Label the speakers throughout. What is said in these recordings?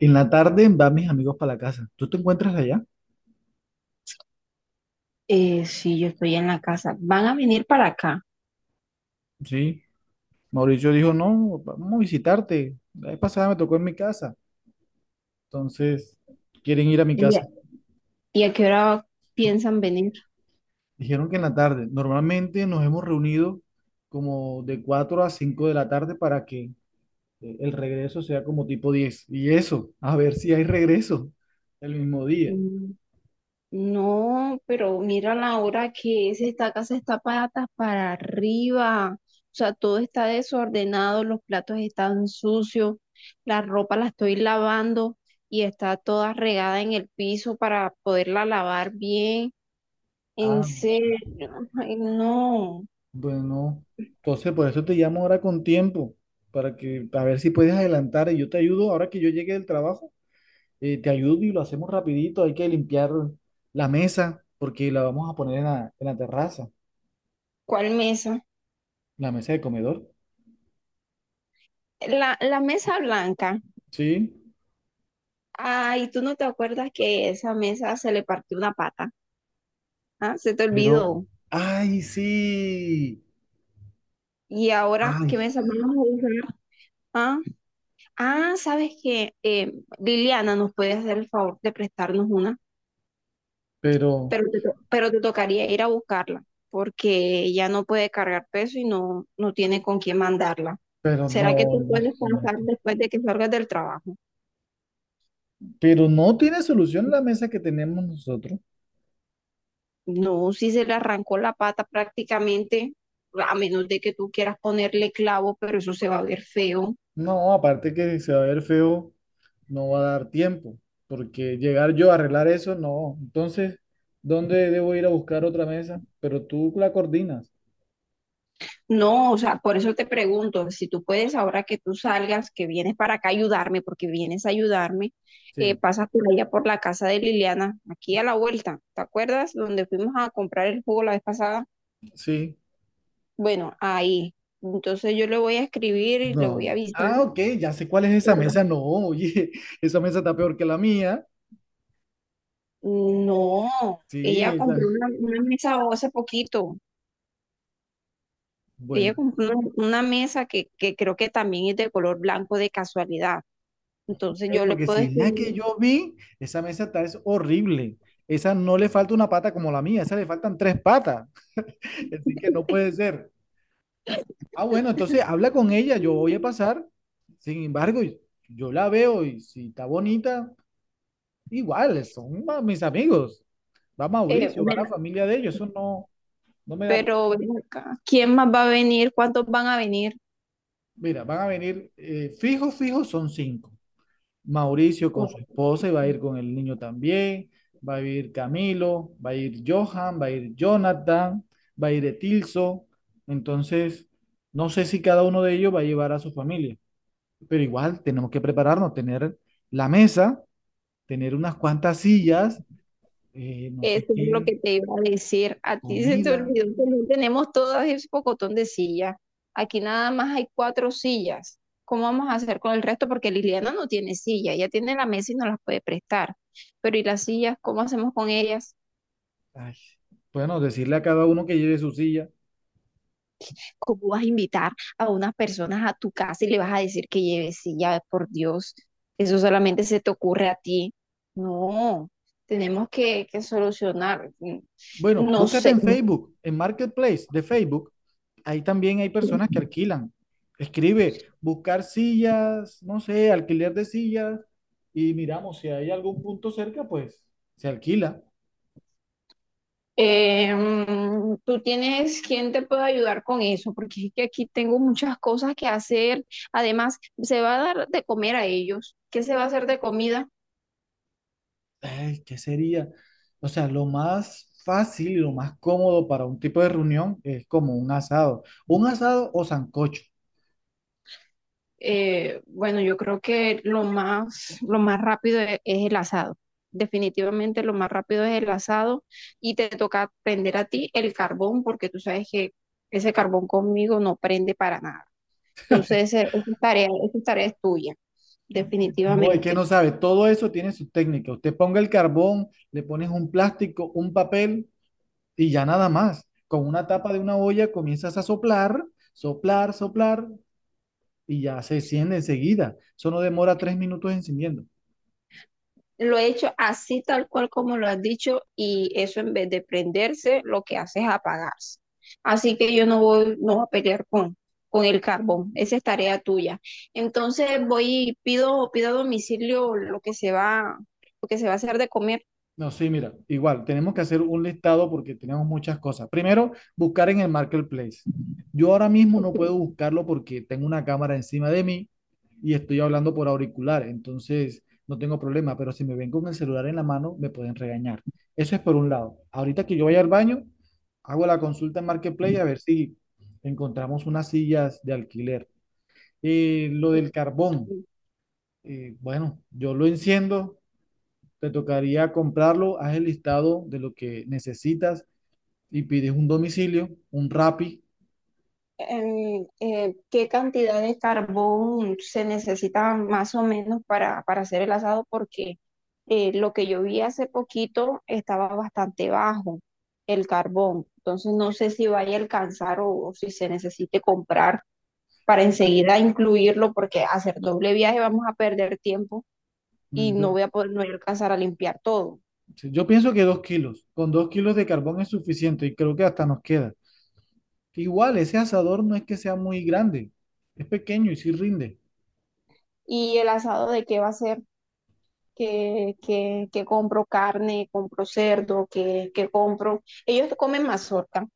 Speaker 1: En la tarde van mis amigos para la casa. ¿Tú te encuentras allá?
Speaker 2: Sí, yo estoy en la casa. ¿Van a venir para acá?
Speaker 1: Sí. Mauricio dijo, no, vamos a visitarte. La vez pasada me tocó en mi casa. Entonces, quieren ir a mi
Speaker 2: ¿Y
Speaker 1: casa.
Speaker 2: a, y a qué hora piensan venir?
Speaker 1: Dijeron que en la tarde. Normalmente nos hemos reunido como de 4 a 5 de la tarde para que el regreso sea como tipo 10. Y eso, a ver si hay regreso el mismo día.
Speaker 2: Mm, No, pero mira la hora que es. Esta casa está patas para arriba. O sea, todo está desordenado, los platos están sucios, la ropa la estoy lavando y está toda regada en el piso para poderla lavar bien. En
Speaker 1: Anda.
Speaker 2: serio, ay, no.
Speaker 1: Bueno, entonces por eso te llamo ahora con tiempo, para que, a ver si puedes adelantar y yo te ayudo ahora que yo llegue del trabajo. Te ayudo y lo hacemos rapidito. Hay que limpiar la mesa porque la vamos a poner en la terraza,
Speaker 2: ¿Cuál mesa?
Speaker 1: la mesa de comedor.
Speaker 2: La mesa blanca.
Speaker 1: Sí,
Speaker 2: Ay, ¿tú no te acuerdas que esa mesa se le partió una pata? ¿Ah? Se te
Speaker 1: pero,
Speaker 2: olvidó.
Speaker 1: ay, sí,
Speaker 2: ¿Y ahora
Speaker 1: ay,
Speaker 2: qué mesa vamos a usar? ¿Ah? Ah, ¿sabes qué? Liliana nos puede hacer el favor de prestarnos una,
Speaker 1: pero,
Speaker 2: pero te tocaría ir a buscarla, porque ella no puede cargar peso y no tiene con quién mandarla.
Speaker 1: pero
Speaker 2: ¿Será que
Speaker 1: no,
Speaker 2: tú puedes pasar
Speaker 1: imagínate.
Speaker 2: después de que salgas del trabajo?
Speaker 1: Pero no tiene solución la mesa que tenemos nosotros.
Speaker 2: No, si se le arrancó la pata prácticamente, a menos de que tú quieras ponerle clavo, pero eso se va a ver feo.
Speaker 1: No, aparte que se va a ver feo, no va a dar tiempo, porque llegar yo a arreglar eso, no. Entonces, ¿dónde debo ir a buscar otra mesa? Pero tú la coordinas.
Speaker 2: No, o sea, por eso te pregunto, si tú puedes, ahora que tú salgas, que vienes para acá a ayudarme, porque vienes a ayudarme,
Speaker 1: Sí,
Speaker 2: pasas por allá por la casa de Liliana, aquí a la vuelta, ¿te acuerdas? Donde fuimos a comprar el jugo la vez pasada.
Speaker 1: sí.
Speaker 2: Bueno, ahí. Entonces yo le voy a escribir y le voy a
Speaker 1: No.
Speaker 2: avisar.
Speaker 1: Ah, ok, ya sé cuál es esa
Speaker 2: para-
Speaker 1: mesa. No, oye, esa mesa está peor que la mía.
Speaker 2: No,
Speaker 1: Sí,
Speaker 2: ella
Speaker 1: esa.
Speaker 2: compró una mesa hace poquito.
Speaker 1: Bueno,
Speaker 2: Ella compró una mesa que creo que también es de color blanco de casualidad. Entonces
Speaker 1: ok,
Speaker 2: yo le
Speaker 1: porque
Speaker 2: puedo
Speaker 1: si la que
Speaker 2: escribir.
Speaker 1: yo vi, esa mesa está es horrible. Esa no le falta una pata como la mía, esa le faltan tres patas. Así que no puede ser. Ah, bueno, entonces habla con ella, yo voy a pasar. Sin embargo, yo la veo y si está bonita, igual, son mis amigos. Va
Speaker 2: eh,
Speaker 1: Mauricio, va la familia de ellos, eso no, no me da.
Speaker 2: Pero ven acá, ¿quién más va a venir? ¿Cuántos van a venir?
Speaker 1: Mira, van a venir, fijo, fijo, son cinco. Mauricio con su esposa y va a ir con el niño también, va a ir Camilo, va a ir Johan, va a ir Jonathan, va a ir Etilso. Entonces, no sé si cada uno de ellos va a llevar a su familia, pero igual tenemos que prepararnos, tener la mesa, tener unas cuantas sillas, no sé
Speaker 2: Eso es lo
Speaker 1: qué,
Speaker 2: que te iba a decir. A ti se te
Speaker 1: comida.
Speaker 2: olvidó que no tenemos todo ese pocotón de sillas. Aquí nada más hay cuatro sillas. ¿Cómo vamos a hacer con el resto? Porque Liliana no tiene silla, ella tiene la mesa y no las puede prestar. Pero ¿y las sillas? ¿Cómo hacemos con ellas?
Speaker 1: Ay, bueno, decirle a cada uno que lleve su silla.
Speaker 2: ¿Cómo vas a invitar a unas personas a tu casa y le vas a decir que lleve silla? Por Dios, eso solamente se te ocurre a ti. No, tenemos que solucionar.
Speaker 1: Bueno,
Speaker 2: No
Speaker 1: búscate
Speaker 2: sé.
Speaker 1: en Facebook, en Marketplace de Facebook. Ahí también hay personas que alquilan. Escribe, buscar sillas, no sé, alquiler de sillas. Y miramos, si hay algún punto cerca, pues se alquila.
Speaker 2: ¿Tú tienes quién te puede ayudar con eso? Porque es que aquí tengo muchas cosas que hacer. Además, se va a dar de comer a ellos. ¿Qué se va a hacer de comida?
Speaker 1: Ay, ¿qué sería? O sea, lo más fácil y lo más cómodo para un tipo de reunión es como un asado. Un asado o sancocho.
Speaker 2: Bueno, yo creo que lo más rápido es el asado. Definitivamente lo más rápido es el asado y te toca prender a ti el carbón porque tú sabes que ese carbón conmigo no prende para nada. Entonces, esa tarea es tuya,
Speaker 1: No, es que
Speaker 2: definitivamente.
Speaker 1: no sabe, todo eso tiene su técnica. Usted ponga el carbón, le pones un plástico, un papel y ya nada más. Con una tapa de una olla comienzas a soplar, soplar, soplar y ya se enciende enseguida. Eso no demora 3 minutos encendiendo.
Speaker 2: Lo he hecho así tal cual como lo has dicho y eso en vez de prenderse, lo que hace es apagarse. Así que yo no voy a pelear con el carbón. Esa es tarea tuya. Entonces voy y pido a domicilio lo que se va a hacer de comer.
Speaker 1: No, sí, mira, igual, tenemos que hacer un listado porque tenemos muchas cosas. Primero, buscar en el marketplace. Yo ahora mismo
Speaker 2: Ok.
Speaker 1: no puedo buscarlo porque tengo una cámara encima de mí y estoy hablando por auricular, entonces no tengo problema, pero si me ven con el celular en la mano, me pueden regañar. Eso es por un lado. Ahorita que yo vaya al baño, hago la consulta en marketplace a ver si encontramos unas sillas de alquiler. Lo del carbón, bueno, yo lo enciendo. Te tocaría comprarlo, haz el listado de lo que necesitas y pides un domicilio, un Rappi.
Speaker 2: ¿Qué cantidad de carbón se necesita más o menos para hacer el asado? Porque lo que yo vi hace poquito estaba bastante bajo el carbón. Entonces no sé si vaya a alcanzar o si se necesite comprar para enseguida incluirlo, porque hacer doble viaje vamos a perder tiempo y
Speaker 1: Mm, Yo,
Speaker 2: no voy a alcanzar a limpiar todo.
Speaker 1: sí, yo pienso que con 2 kilos de carbón es suficiente y creo que hasta nos queda. Igual, ese asador no es que sea muy grande, es pequeño y sí rinde.
Speaker 2: ¿Y el asado de qué va a ser? Que compro carne, compro cerdo, que compro. Ellos comen mazorca,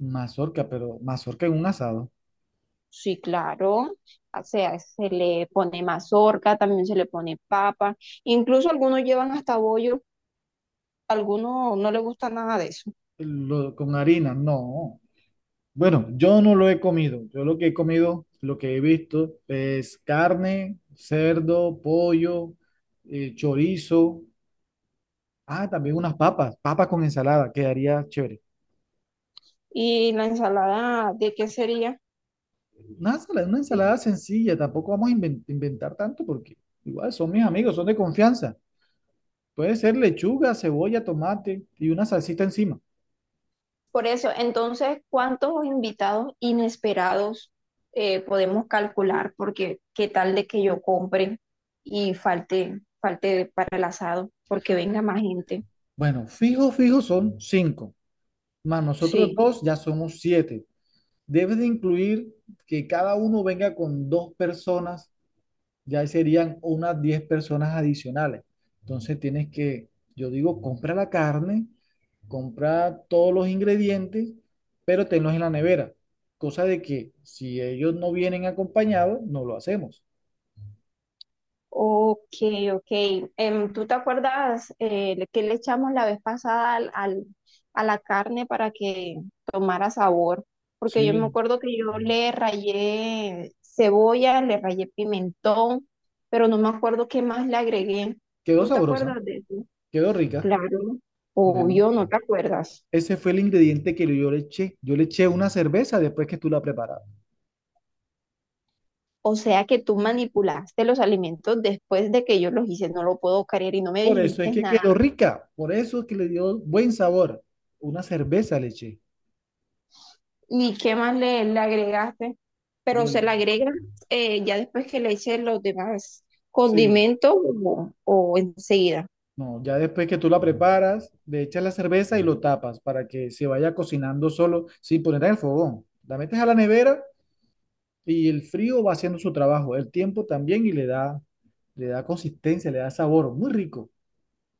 Speaker 1: Mazorca, pero mazorca en un asado,
Speaker 2: sí, claro. O sea, se le pone mazorca, también se le pone papa. Incluso algunos llevan hasta bollo, algunos no les gusta nada de eso.
Speaker 1: con harina, no. Bueno, yo no lo he comido. Yo lo que he comido, lo que he visto es carne, cerdo, pollo, chorizo. Ah, también unas papas, papas con ensalada, quedaría chévere.
Speaker 2: ¿Y la ensalada de qué sería?
Speaker 1: Una ensalada sencilla, tampoco vamos a inventar tanto porque igual son mis amigos, son de confianza. Puede ser lechuga, cebolla, tomate y una salsita encima.
Speaker 2: Por eso, entonces, ¿cuántos invitados inesperados podemos calcular? Porque qué tal de que yo compre y falte para el asado, porque venga más gente.
Speaker 1: Bueno, fijo, fijo son cinco, más nosotros
Speaker 2: Sí.
Speaker 1: dos ya somos siete. Debes de incluir que cada uno venga con dos personas, ya serían unas 10 personas adicionales. Entonces tienes que, yo digo, compra la carne, compra todos los ingredientes, pero tenlos en la nevera. Cosa de que si ellos no vienen acompañados, no lo hacemos.
Speaker 2: Ok, ok. ¿Tú te acuerdas que le echamos la vez pasada a la carne para que tomara sabor? Porque yo me
Speaker 1: Sí,
Speaker 2: acuerdo que yo le rayé cebolla, le rayé pimentón, pero no me acuerdo qué más le agregué.
Speaker 1: quedó
Speaker 2: ¿Tú te
Speaker 1: sabrosa,
Speaker 2: acuerdas de eso?
Speaker 1: quedó rica.
Speaker 2: Claro,
Speaker 1: Bueno,
Speaker 2: obvio, no te acuerdas.
Speaker 1: ese fue el ingrediente que yo le eché. Yo le eché una cerveza después que tú la preparaste.
Speaker 2: O sea que tú manipulaste los alimentos después de que yo los hice, no lo puedo creer y no me
Speaker 1: Por eso es
Speaker 2: dijiste
Speaker 1: que
Speaker 2: nada.
Speaker 1: quedó rica, por eso es que le dio buen sabor. Una cerveza le eché.
Speaker 2: ¿Y qué más le agregaste?
Speaker 1: Yo,
Speaker 2: Pero se le agrega ya después que le eches los demás
Speaker 1: sí.
Speaker 2: condimentos o enseguida.
Speaker 1: No, ya después que tú la preparas, le echas la cerveza y lo tapas para que se vaya cocinando solo sin poner en el fogón. La metes a la nevera y el frío va haciendo su trabajo, el tiempo también y le da, consistencia, le da sabor, muy rico.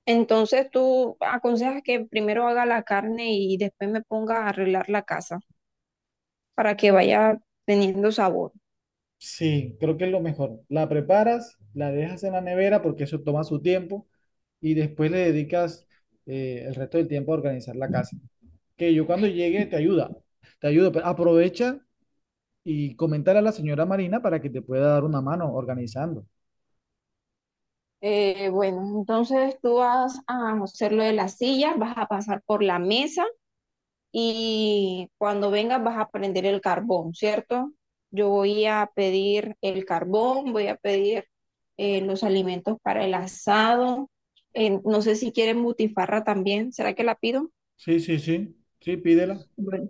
Speaker 2: Entonces tú aconsejas que primero haga la carne y después me ponga a arreglar la casa para que vaya teniendo sabor.
Speaker 1: Sí, creo que es lo mejor. La preparas, la dejas en la nevera porque eso toma su tiempo y después le dedicas el resto del tiempo a organizar la casa. Que yo cuando llegue te ayudo, pero aprovecha y comentar a la señora Marina para que te pueda dar una mano organizando.
Speaker 2: Bueno, entonces tú vas a hacer lo de las sillas, vas a pasar por la mesa y cuando vengas vas a prender el carbón, ¿cierto? Yo voy a pedir el carbón, voy a pedir los alimentos para el asado. No sé si quieren butifarra también, ¿será que la pido?
Speaker 1: Sí, sí, sí, sí, pídela.
Speaker 2: Bueno,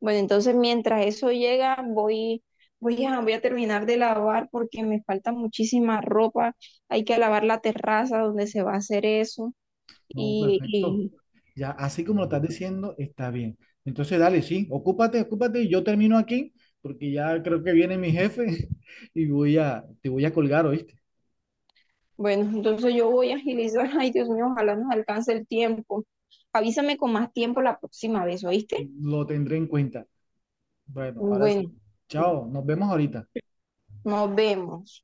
Speaker 2: Bueno, entonces mientras eso llega, voy a terminar de lavar porque me falta muchísima ropa. Hay que lavar la terraza donde se va a hacer eso.
Speaker 1: No, perfecto.
Speaker 2: Y
Speaker 1: Ya, así como lo estás diciendo, está bien. Entonces, dale, sí, ocúpate, ocúpate y yo termino aquí, porque ya creo que viene mi jefe y te voy a colgar, ¿oíste?
Speaker 2: bueno, entonces yo voy a agilizar. Ay, Dios mío, ojalá nos alcance el tiempo. Avísame con más tiempo la próxima vez, ¿oíste?
Speaker 1: Lo tendré en cuenta. Bueno, ahora sí.
Speaker 2: Bueno,
Speaker 1: Chao, nos vemos ahorita.
Speaker 2: nos vemos.